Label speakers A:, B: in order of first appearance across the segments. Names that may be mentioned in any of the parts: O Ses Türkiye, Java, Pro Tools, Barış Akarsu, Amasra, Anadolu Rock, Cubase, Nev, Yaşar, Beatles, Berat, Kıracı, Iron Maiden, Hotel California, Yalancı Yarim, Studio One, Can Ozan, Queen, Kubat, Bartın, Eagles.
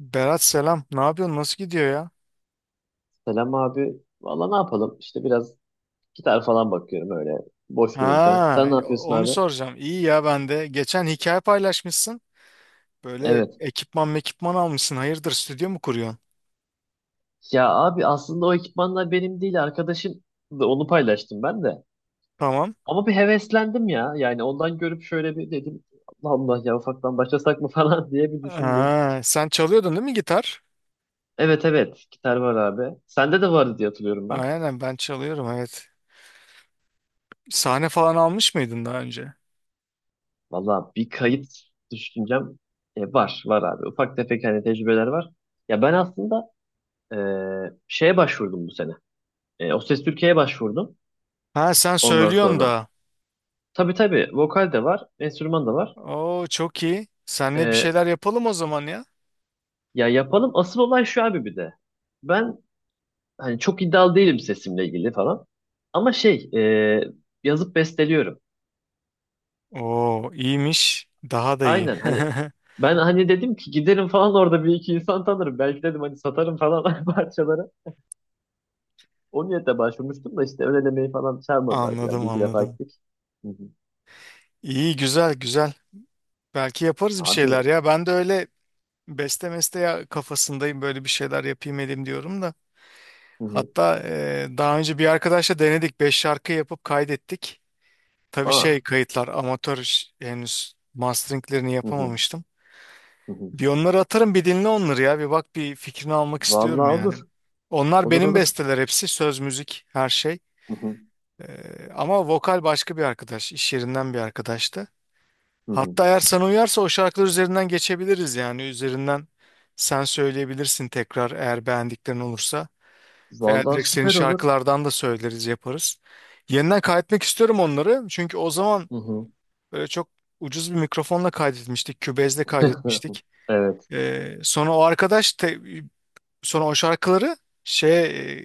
A: Berat selam. Ne yapıyorsun? Nasıl gidiyor ya?
B: Selam abi. Valla ne yapalım? İşte biraz gitar falan bakıyorum öyle boş dururken. Sen
A: Ha,
B: ne yapıyorsun
A: onu
B: abi?
A: soracağım. İyi ya ben de. Geçen hikaye paylaşmışsın. Böyle
B: Evet.
A: ekipman mekipman almışsın. Hayırdır stüdyo mu kuruyorsun?
B: Ya abi aslında o ekipmanlar benim değil arkadaşım da onu paylaştım ben de.
A: Tamam.
B: Ama bir heveslendim ya. Yani ondan görüp şöyle bir dedim Allah Allah ya ufaktan başlasak mı falan diye bir düşündüm.
A: Ha, sen çalıyordun değil mi gitar?
B: Evet evet gitar var abi. Sende de vardı diye hatırlıyorum ben.
A: Aynen ben çalıyorum evet. Sahne falan almış mıydın daha önce?
B: Valla bir kayıt düşüncem var var abi. Ufak tefek hani tecrübeler var. Ya ben aslında e, şeye başvurdum bu sene. O Ses Türkiye'ye başvurdum
A: Ha, sen
B: ondan
A: söylüyorsun
B: sonra.
A: da.
B: Tabii tabii vokal de var, enstrüman da var.
A: Oo çok iyi. Seninle bir
B: E,
A: şeyler yapalım o zaman ya.
B: Ya yapalım. Asıl olay şu abi bir de. Ben hani çok iddialı değilim sesimle ilgili falan. Ama şey e, yazıp besteliyorum.
A: Oo iyiymiş. Daha da iyi.
B: Aynen hani ben hani dedim ki giderim falan orada bir iki insan tanırım. Belki dedim hani satarım falan parçaları. O niyetle başvurmuştum da işte ön elemeyi falan çağırmadılar. Yani
A: Anladım,
B: bir iki defa
A: anladım.
B: gittik. Hı hı.
A: İyi, güzel güzel. Belki yaparız bir
B: Abi
A: şeyler ya. Ben de öyle beste meste ya kafasındayım, böyle bir şeyler yapayım edeyim diyorum da.
B: hı hı.
A: Hatta daha önce bir arkadaşla denedik. Beş şarkı yapıp kaydettik. Tabii şey,
B: Aa.
A: kayıtlar amatör henüz masteringlerini
B: Hı hı.
A: yapamamıştım.
B: Hı hı.
A: Bir onları atarım, bir dinle onları ya. Bir bak, bir fikrini almak istiyorum
B: Vallahi
A: yani.
B: olur.
A: Onlar
B: Olur
A: benim
B: olur.
A: besteler hepsi. Söz, müzik, her şey.
B: Hı hı.
A: Ama vokal başka bir arkadaş, iş yerinden bir arkadaştı.
B: Hı hı.
A: Hatta eğer sana uyarsa o şarkılar üzerinden geçebiliriz, yani üzerinden sen söyleyebilirsin tekrar, eğer beğendiklerin olursa, veya
B: Vallahi
A: direkt senin
B: süper olur.
A: şarkılardan da söyleriz yaparız. Yeniden kaydetmek istiyorum onları, çünkü o zaman
B: Hı hı.
A: böyle çok ucuz bir mikrofonla kaydetmiştik, kübezle kaydetmiştik.
B: Evet.
A: Sonra o arkadaş sonra o şarkıları şey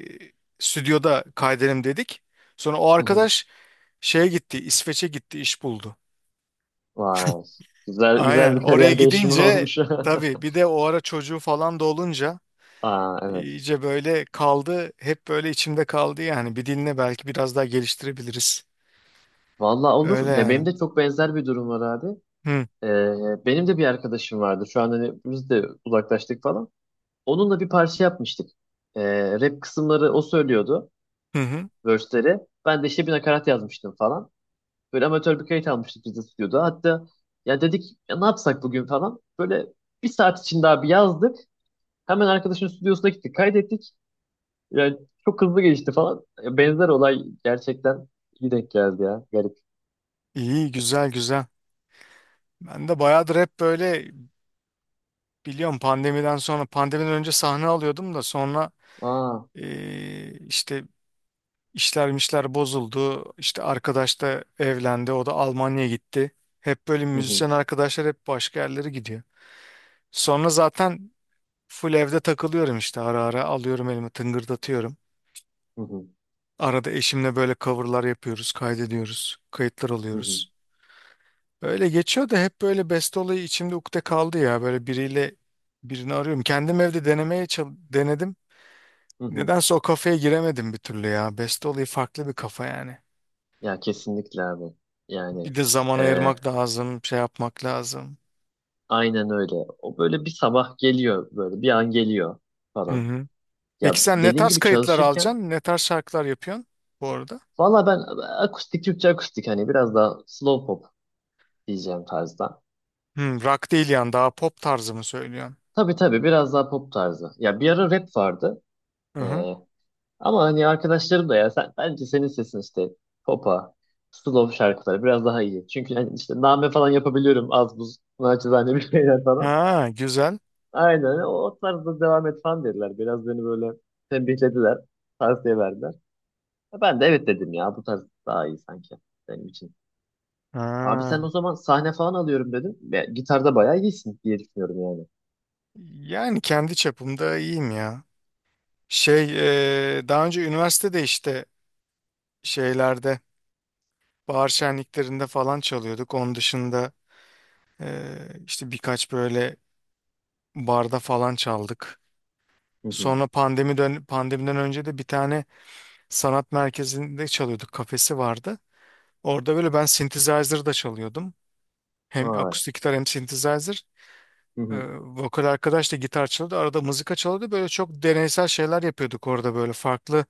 A: e, stüdyoda kaydedelim dedik. Sonra o
B: Hı hı.
A: arkadaş şeye gitti, İsveç'e gitti, iş buldu.
B: Vay. Güzel
A: Aynen.
B: güzel bir
A: Oraya
B: kariyer değişimi
A: gidince
B: olmuş.
A: tabii bir de o ara çocuğu falan da olunca
B: Aa, evet.
A: iyice böyle kaldı. Hep böyle içimde kaldı yani. Bir diline belki biraz daha geliştirebiliriz.
B: Vallahi
A: Öyle
B: olur. Ya benim
A: yani.
B: de çok benzer bir durum var abi.
A: Hı
B: Benim de bir arkadaşım vardı. Şu an hani biz de uzaklaştık falan. Onunla bir parça yapmıştık. Rap kısımları o söylüyordu.
A: hı. Hı.
B: Verse'leri. Ben de işte bir nakarat yazmıştım falan. Böyle amatör bir kayıt almıştık biz de stüdyoda. Hatta ya dedik ya ne yapsak bugün falan. Böyle bir saat içinde abi yazdık. Hemen arkadaşın stüdyosuna gittik, kaydettik. Yani çok hızlı gelişti falan. Ya Benzer olay gerçekten iyi denk geldi ya. Garip.
A: İyi, güzel güzel. Ben de bayağıdır hep böyle, biliyorum, pandemiden önce sahne alıyordum da sonra
B: Aa.
A: işte işler mişler bozuldu. İşte arkadaş da evlendi. O da Almanya'ya gitti. Hep böyle
B: Hı hı,
A: müzisyen arkadaşlar hep başka yerlere gidiyor. Sonra zaten full evde takılıyorum, işte ara ara alıyorum elime tıngırdatıyorum.
B: hı hı,
A: Arada eşimle böyle coverlar yapıyoruz, kaydediyoruz, kayıtlar
B: hı hı,
A: alıyoruz. Öyle geçiyor da hep böyle beste olayı içimde ukde kaldı ya. Böyle biriyle, birini arıyorum. Kendim evde denemeye denedim.
B: hı hı.
A: Nedense o kafaya giremedim bir türlü ya. Beste olayı farklı bir kafa yani.
B: Ya kesinlikle abi.
A: Bir
B: Yani
A: de zaman
B: e,
A: ayırmak lazım, şey yapmak lazım.
B: aynen öyle. O böyle bir sabah geliyor böyle bir an geliyor
A: Hı
B: falan.
A: hı.
B: Ya
A: Peki sen ne
B: dediğin
A: tarz
B: gibi
A: kayıtlar
B: çalışırken
A: alacaksın? Ne tarz şarkılar yapıyorsun bu arada?
B: valla ben akustik Türkçe akustik hani biraz daha slow pop diyeceğim tarzda.
A: Hı, rock değil yani, daha pop tarzı mı söylüyorsun?
B: Tabii tabii biraz daha pop tarzı. Ya bir ara rap vardı.
A: Hı
B: E,
A: hı.
B: Ama hani arkadaşlarım da ya sen bence senin sesin işte popa, slow şarkıları biraz daha iyi. Çünkü hani işte name falan yapabiliyorum az buz naçizane bir şeyler falan.
A: Ha, güzel.
B: Aynen o, o tarzda devam et falan dediler. Biraz beni böyle tembihlediler, tavsiye verdiler. Ya Ben de evet dedim ya bu tarz daha iyi sanki benim için. Abi sen
A: Ha.
B: o zaman sahne falan alıyorum dedim. Ya, gitarda bayağı iyisin diye düşünüyorum yani.
A: Yani kendi çapımda iyiyim ya. Şey, daha önce üniversitede işte şeylerde, bahar şenliklerinde falan çalıyorduk. Onun dışında işte birkaç böyle barda falan çaldık.
B: Hı hı.
A: Sonra pandemiden önce de bir tane sanat merkezinde çalıyorduk. Kafesi vardı. Orada böyle ben synthesizer da çalıyordum. Hem
B: Vay.
A: akustik gitar hem synthesizer.
B: Hı
A: Ee,
B: hı.
A: vokal arkadaş da gitar çalıyordu. Arada mızıka çalıyordu. Böyle çok deneysel şeyler yapıyorduk orada, böyle farklı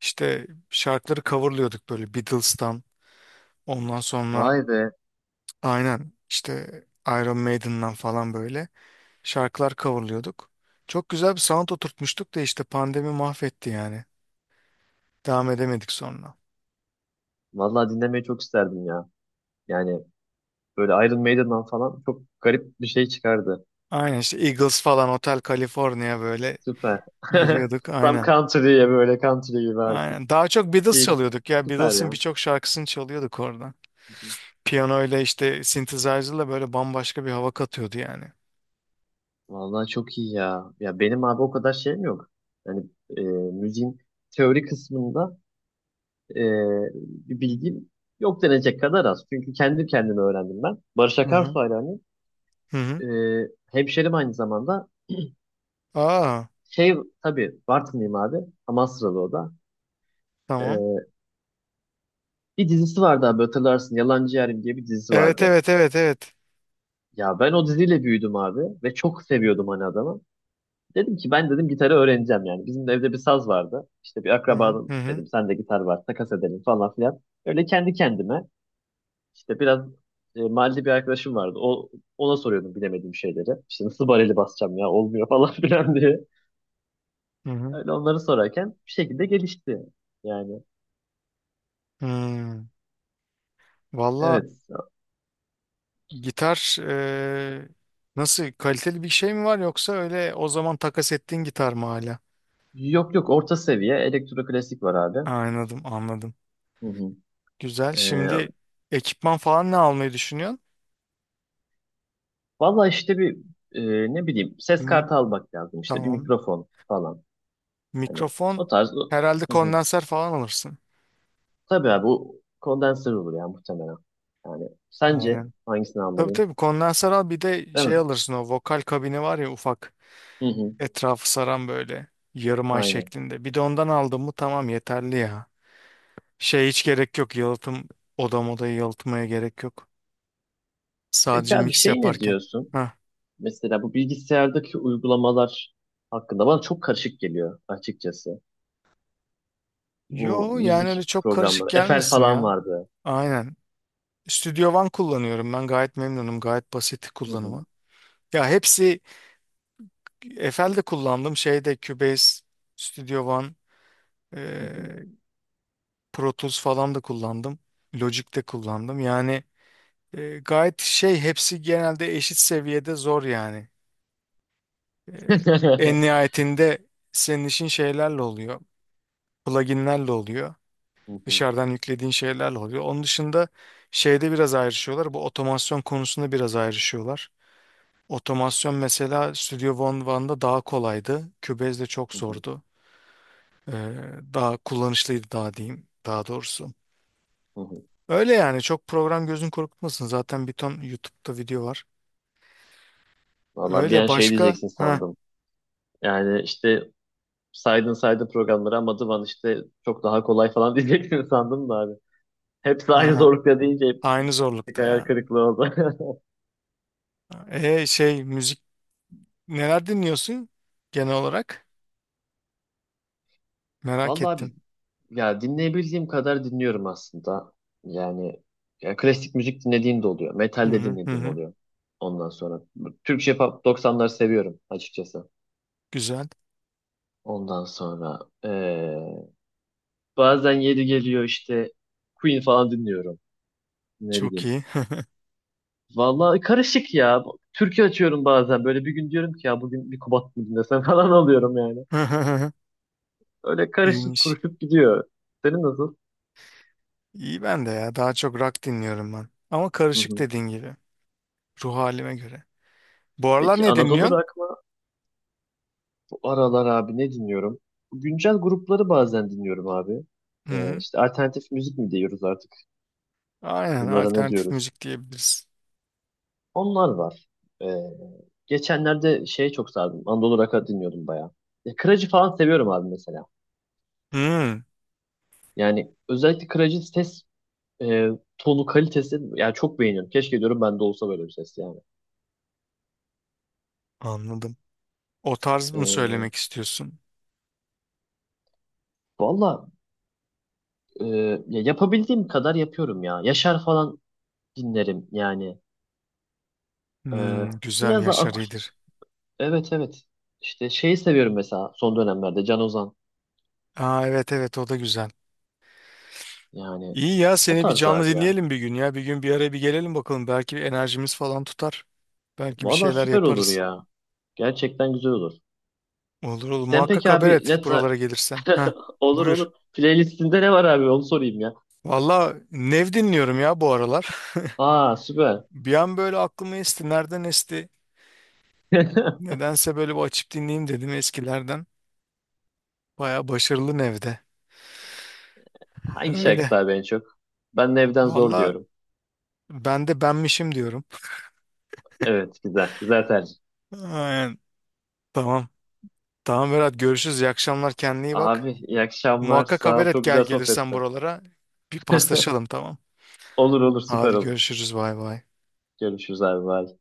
A: işte şarkıları coverlıyorduk, böyle Beatles'tan. Ondan sonra
B: Vay be.
A: aynen işte Iron Maiden'dan falan böyle şarkılar coverlıyorduk. Çok güzel bir sound oturtmuştuk da işte pandemi mahvetti yani. Devam edemedik sonra.
B: Vallahi dinlemeyi çok isterdim ya. Yani Böyle Iron Maiden'dan falan çok garip bir şey çıkardı.
A: Aynen işte Eagles falan, Hotel California, böyle
B: Süper.
A: giriyorduk
B: Tam
A: aynen.
B: country'ye böyle country gibi artık.
A: Aynen. Daha çok Beatles
B: Chill.
A: çalıyorduk ya.
B: Süper
A: Beatles'ın
B: ya.
A: birçok şarkısını çalıyorduk orada. Piyanoyla işte synthesizer'la böyle bambaşka bir hava katıyordu yani.
B: Vallahi çok iyi ya. Ya benim abi o kadar şeyim yok. Yani müziğin teori kısmında e, bir bilgim yok denecek kadar az. Çünkü kendi kendime öğrendim ben. Barış
A: Hı
B: Akarsu
A: hı.
B: hayranıyım.
A: Hı hı.
B: E, Hemşerim aynı zamanda.
A: Aa,
B: Şey tabii Bartınlıyım abi. Amasralı o da.
A: tamam.
B: E, Bir dizisi vardı abi hatırlarsın. Yalancı Yarim diye bir dizisi
A: Evet,
B: vardı.
A: evet, evet, evet.
B: Ya ben o diziyle büyüdüm abi ve çok seviyordum hani adamı. Dedim ki ben dedim gitarı öğreneceğim yani. Bizim de evde bir saz vardı. İşte bir
A: Hı hı hı
B: akrabanın
A: hı.
B: dedim sende gitar var takas edelim falan filan. Öyle kendi kendime işte biraz mahalle bir arkadaşım vardı. O, ona soruyordum bilemediğim şeyleri. İşte nasıl bareli basacağım ya olmuyor falan filan diye.
A: Hı hı.
B: Öyle onları sorarken bir şekilde gelişti. Yani
A: Hmm. Valla
B: evet.
A: gitar nasıl, kaliteli bir şey mi var, yoksa öyle o zaman takas ettiğin gitar mı hala?
B: Yok yok orta seviye elektro klasik var abi.
A: Anladım, anladım.
B: Hı
A: Güzel. Şimdi
B: hı.
A: ekipman falan ne almayı düşünüyorsun?
B: Valla işte bir ne bileyim ses
A: Hmm,
B: kartı almak lazım işte bir
A: tamam.
B: mikrofon falan. Hani
A: Mikrofon
B: o tarz.
A: herhalde
B: Hı hı.
A: kondenser falan alırsın.
B: Tabii abi bu kondenser olur ya muhtemelen. Yani sence
A: Aynen.
B: hangisini
A: Tabii
B: almalıyım?
A: tabii, kondenser al, bir de
B: Değil mi?
A: şey alırsın, o vokal kabini var ya, ufak,
B: Hı hı.
A: etrafı saran, böyle yarım ay
B: Aynen.
A: şeklinde. Bir de ondan aldın mı tamam, yeterli ya. Şey, hiç gerek yok yalıtım, odayı yalıtmaya gerek yok.
B: Peki
A: Sadece
B: abi
A: mix
B: şey ne
A: yaparken.
B: diyorsun?
A: Heh.
B: Mesela bu bilgisayardaki uygulamalar hakkında bana çok karışık geliyor açıkçası. Bu
A: Yo yani öyle
B: müzik
A: çok karışık
B: programları. Efel
A: gelmesin
B: falan
A: ya.
B: vardı.
A: Aynen. Studio One kullanıyorum, ben gayet memnunum, gayet basit
B: Hı hı.
A: kullanımı. Ya hepsi, FL'de kullandım, şeyde Cubase, Studio One, e,
B: Hı hı.
A: Pro Tools falan da kullandım. Logic'te kullandım, yani gayet şey, hepsi genelde eşit seviyede zor yani. E, en nihayetinde senin işin şeylerle oluyor, pluginlerle oluyor,
B: Hı hı.
A: dışarıdan yüklediğin şeylerle oluyor. Onun dışında şeyde biraz ayrışıyorlar, bu otomasyon konusunda biraz ayrışıyorlar. Otomasyon mesela Studio One'da daha kolaydı. Cubase'de çok
B: Hı hı.
A: zordu. Ee, daha kullanışlıydı, daha diyeyim, daha doğrusu.
B: Hı hı.
A: Öyle yani, çok program gözün korkutmasın. Zaten bir ton YouTube'da video var.
B: Valla bir an
A: Öyle
B: şey
A: başka,
B: diyeceksin
A: ha.
B: sandım. Yani işte saydın saydın programları ama Dıvan işte çok daha kolay falan diyeceksin sandım da abi. Hepsi aynı
A: Ha,
B: zorlukta deyince hep
A: aynı
B: bir
A: zorlukta
B: hayal
A: ya.
B: kırıklığı oldu.
A: Şey müzik, neler dinliyorsun genel olarak? Merak
B: Vallahi
A: ettim.
B: abi ya dinleyebildiğim kadar dinliyorum aslında. Yani ya klasik müzik dinlediğim de oluyor. Metal
A: Hı
B: de
A: hı hı.
B: dinlediğim
A: Hı.
B: oluyor. Ondan sonra Türkçe pop doksanları seviyorum açıkçası.
A: Güzel.
B: Ondan sonra eee, bazen yeri geliyor işte Queen falan dinliyorum. Ne
A: Çok
B: bileyim
A: iyi.
B: Vallahi karışık ya. Türkü açıyorum bazen. Böyle bir gün diyorum ki ya bugün bir Kubat mı dinlesem falan alıyorum yani. Öyle karışık
A: İyiymiş.
B: kuruşup gidiyor. Senin nasıl?
A: İyi ben de ya. Daha çok rock dinliyorum ben. Ama
B: Hı
A: karışık,
B: hı.
A: dediğin gibi. Ruh halime göre. Bu aralar
B: Peki
A: ne
B: Anadolu
A: dinliyorsun?
B: Rock mı? Bu aralar abi ne dinliyorum? Güncel grupları bazen dinliyorum abi.
A: Hı hı.
B: İşte alternatif müzik mi diyoruz artık?
A: Aynen,
B: Bunlara ne
A: alternatif
B: diyoruz?
A: müzik diyebiliriz.
B: Onlar var. Ee, geçenlerde şeye çok sardım. Anadolu Rock'a dinliyordum bayağı. Ya, Kıracı falan seviyorum abi mesela.
A: Hı,
B: Yani özellikle Kıracı ses e, tonu kalitesi yani çok beğeniyorum. Keşke diyorum ben de olsa böyle bir ses yani.
A: anladım. O tarz mı
B: E,
A: söylemek istiyorsun?
B: Valla e, ya yapabildiğim kadar yapıyorum ya. Yaşar falan dinlerim yani. E,
A: Hı, güzel,
B: Biraz da
A: Yaşar iyidir.
B: evet evet. İşte şeyi seviyorum mesela son dönemlerde Can Ozan.
A: Aa, evet evet, o da güzel.
B: Yani
A: İyi ya,
B: o
A: seni bir
B: tarz
A: canlı
B: abi ya.
A: dinleyelim bir gün ya. Bir gün bir araya bir gelelim bakalım. Belki enerjimiz falan tutar. Belki bir
B: Valla
A: şeyler
B: süper olur
A: yaparız.
B: ya. Gerçekten güzel olur.
A: Olur olur,
B: Sen
A: muhakkak
B: peki
A: haber
B: abi
A: et
B: net
A: buralara gelirsen. Heh,
B: olur
A: buyur.
B: olur. Playlistinde ne var abi onu sorayım ya.
A: Valla Nev dinliyorum ya bu aralar.
B: Aa süper.
A: Bir an böyle aklıma esti. Nereden esti? Nedense böyle bir açıp dinleyeyim dedim eskilerden. Baya başarılı nevde.
B: Hangi
A: Öyle.
B: şarkısı abi en çok? Ben de evden zor
A: Valla
B: diyorum.
A: ben de benmişim diyorum.
B: Evet güzel. Güzel tercih.
A: Aynen. Tamam. Tamam Berat, görüşürüz. İyi akşamlar. Kendine iyi
B: Abi
A: bak.
B: iyi akşamlar.
A: Muhakkak
B: Sağ
A: haber
B: ol.
A: et,
B: Çok
A: gel
B: güzel
A: gelirsen
B: sohbetti.
A: buralara. Bir paslaşalım, tamam.
B: Olur olur süper
A: Hadi
B: olur.
A: görüşürüz. Bay bay.
B: Görüşürüz abi. Bye.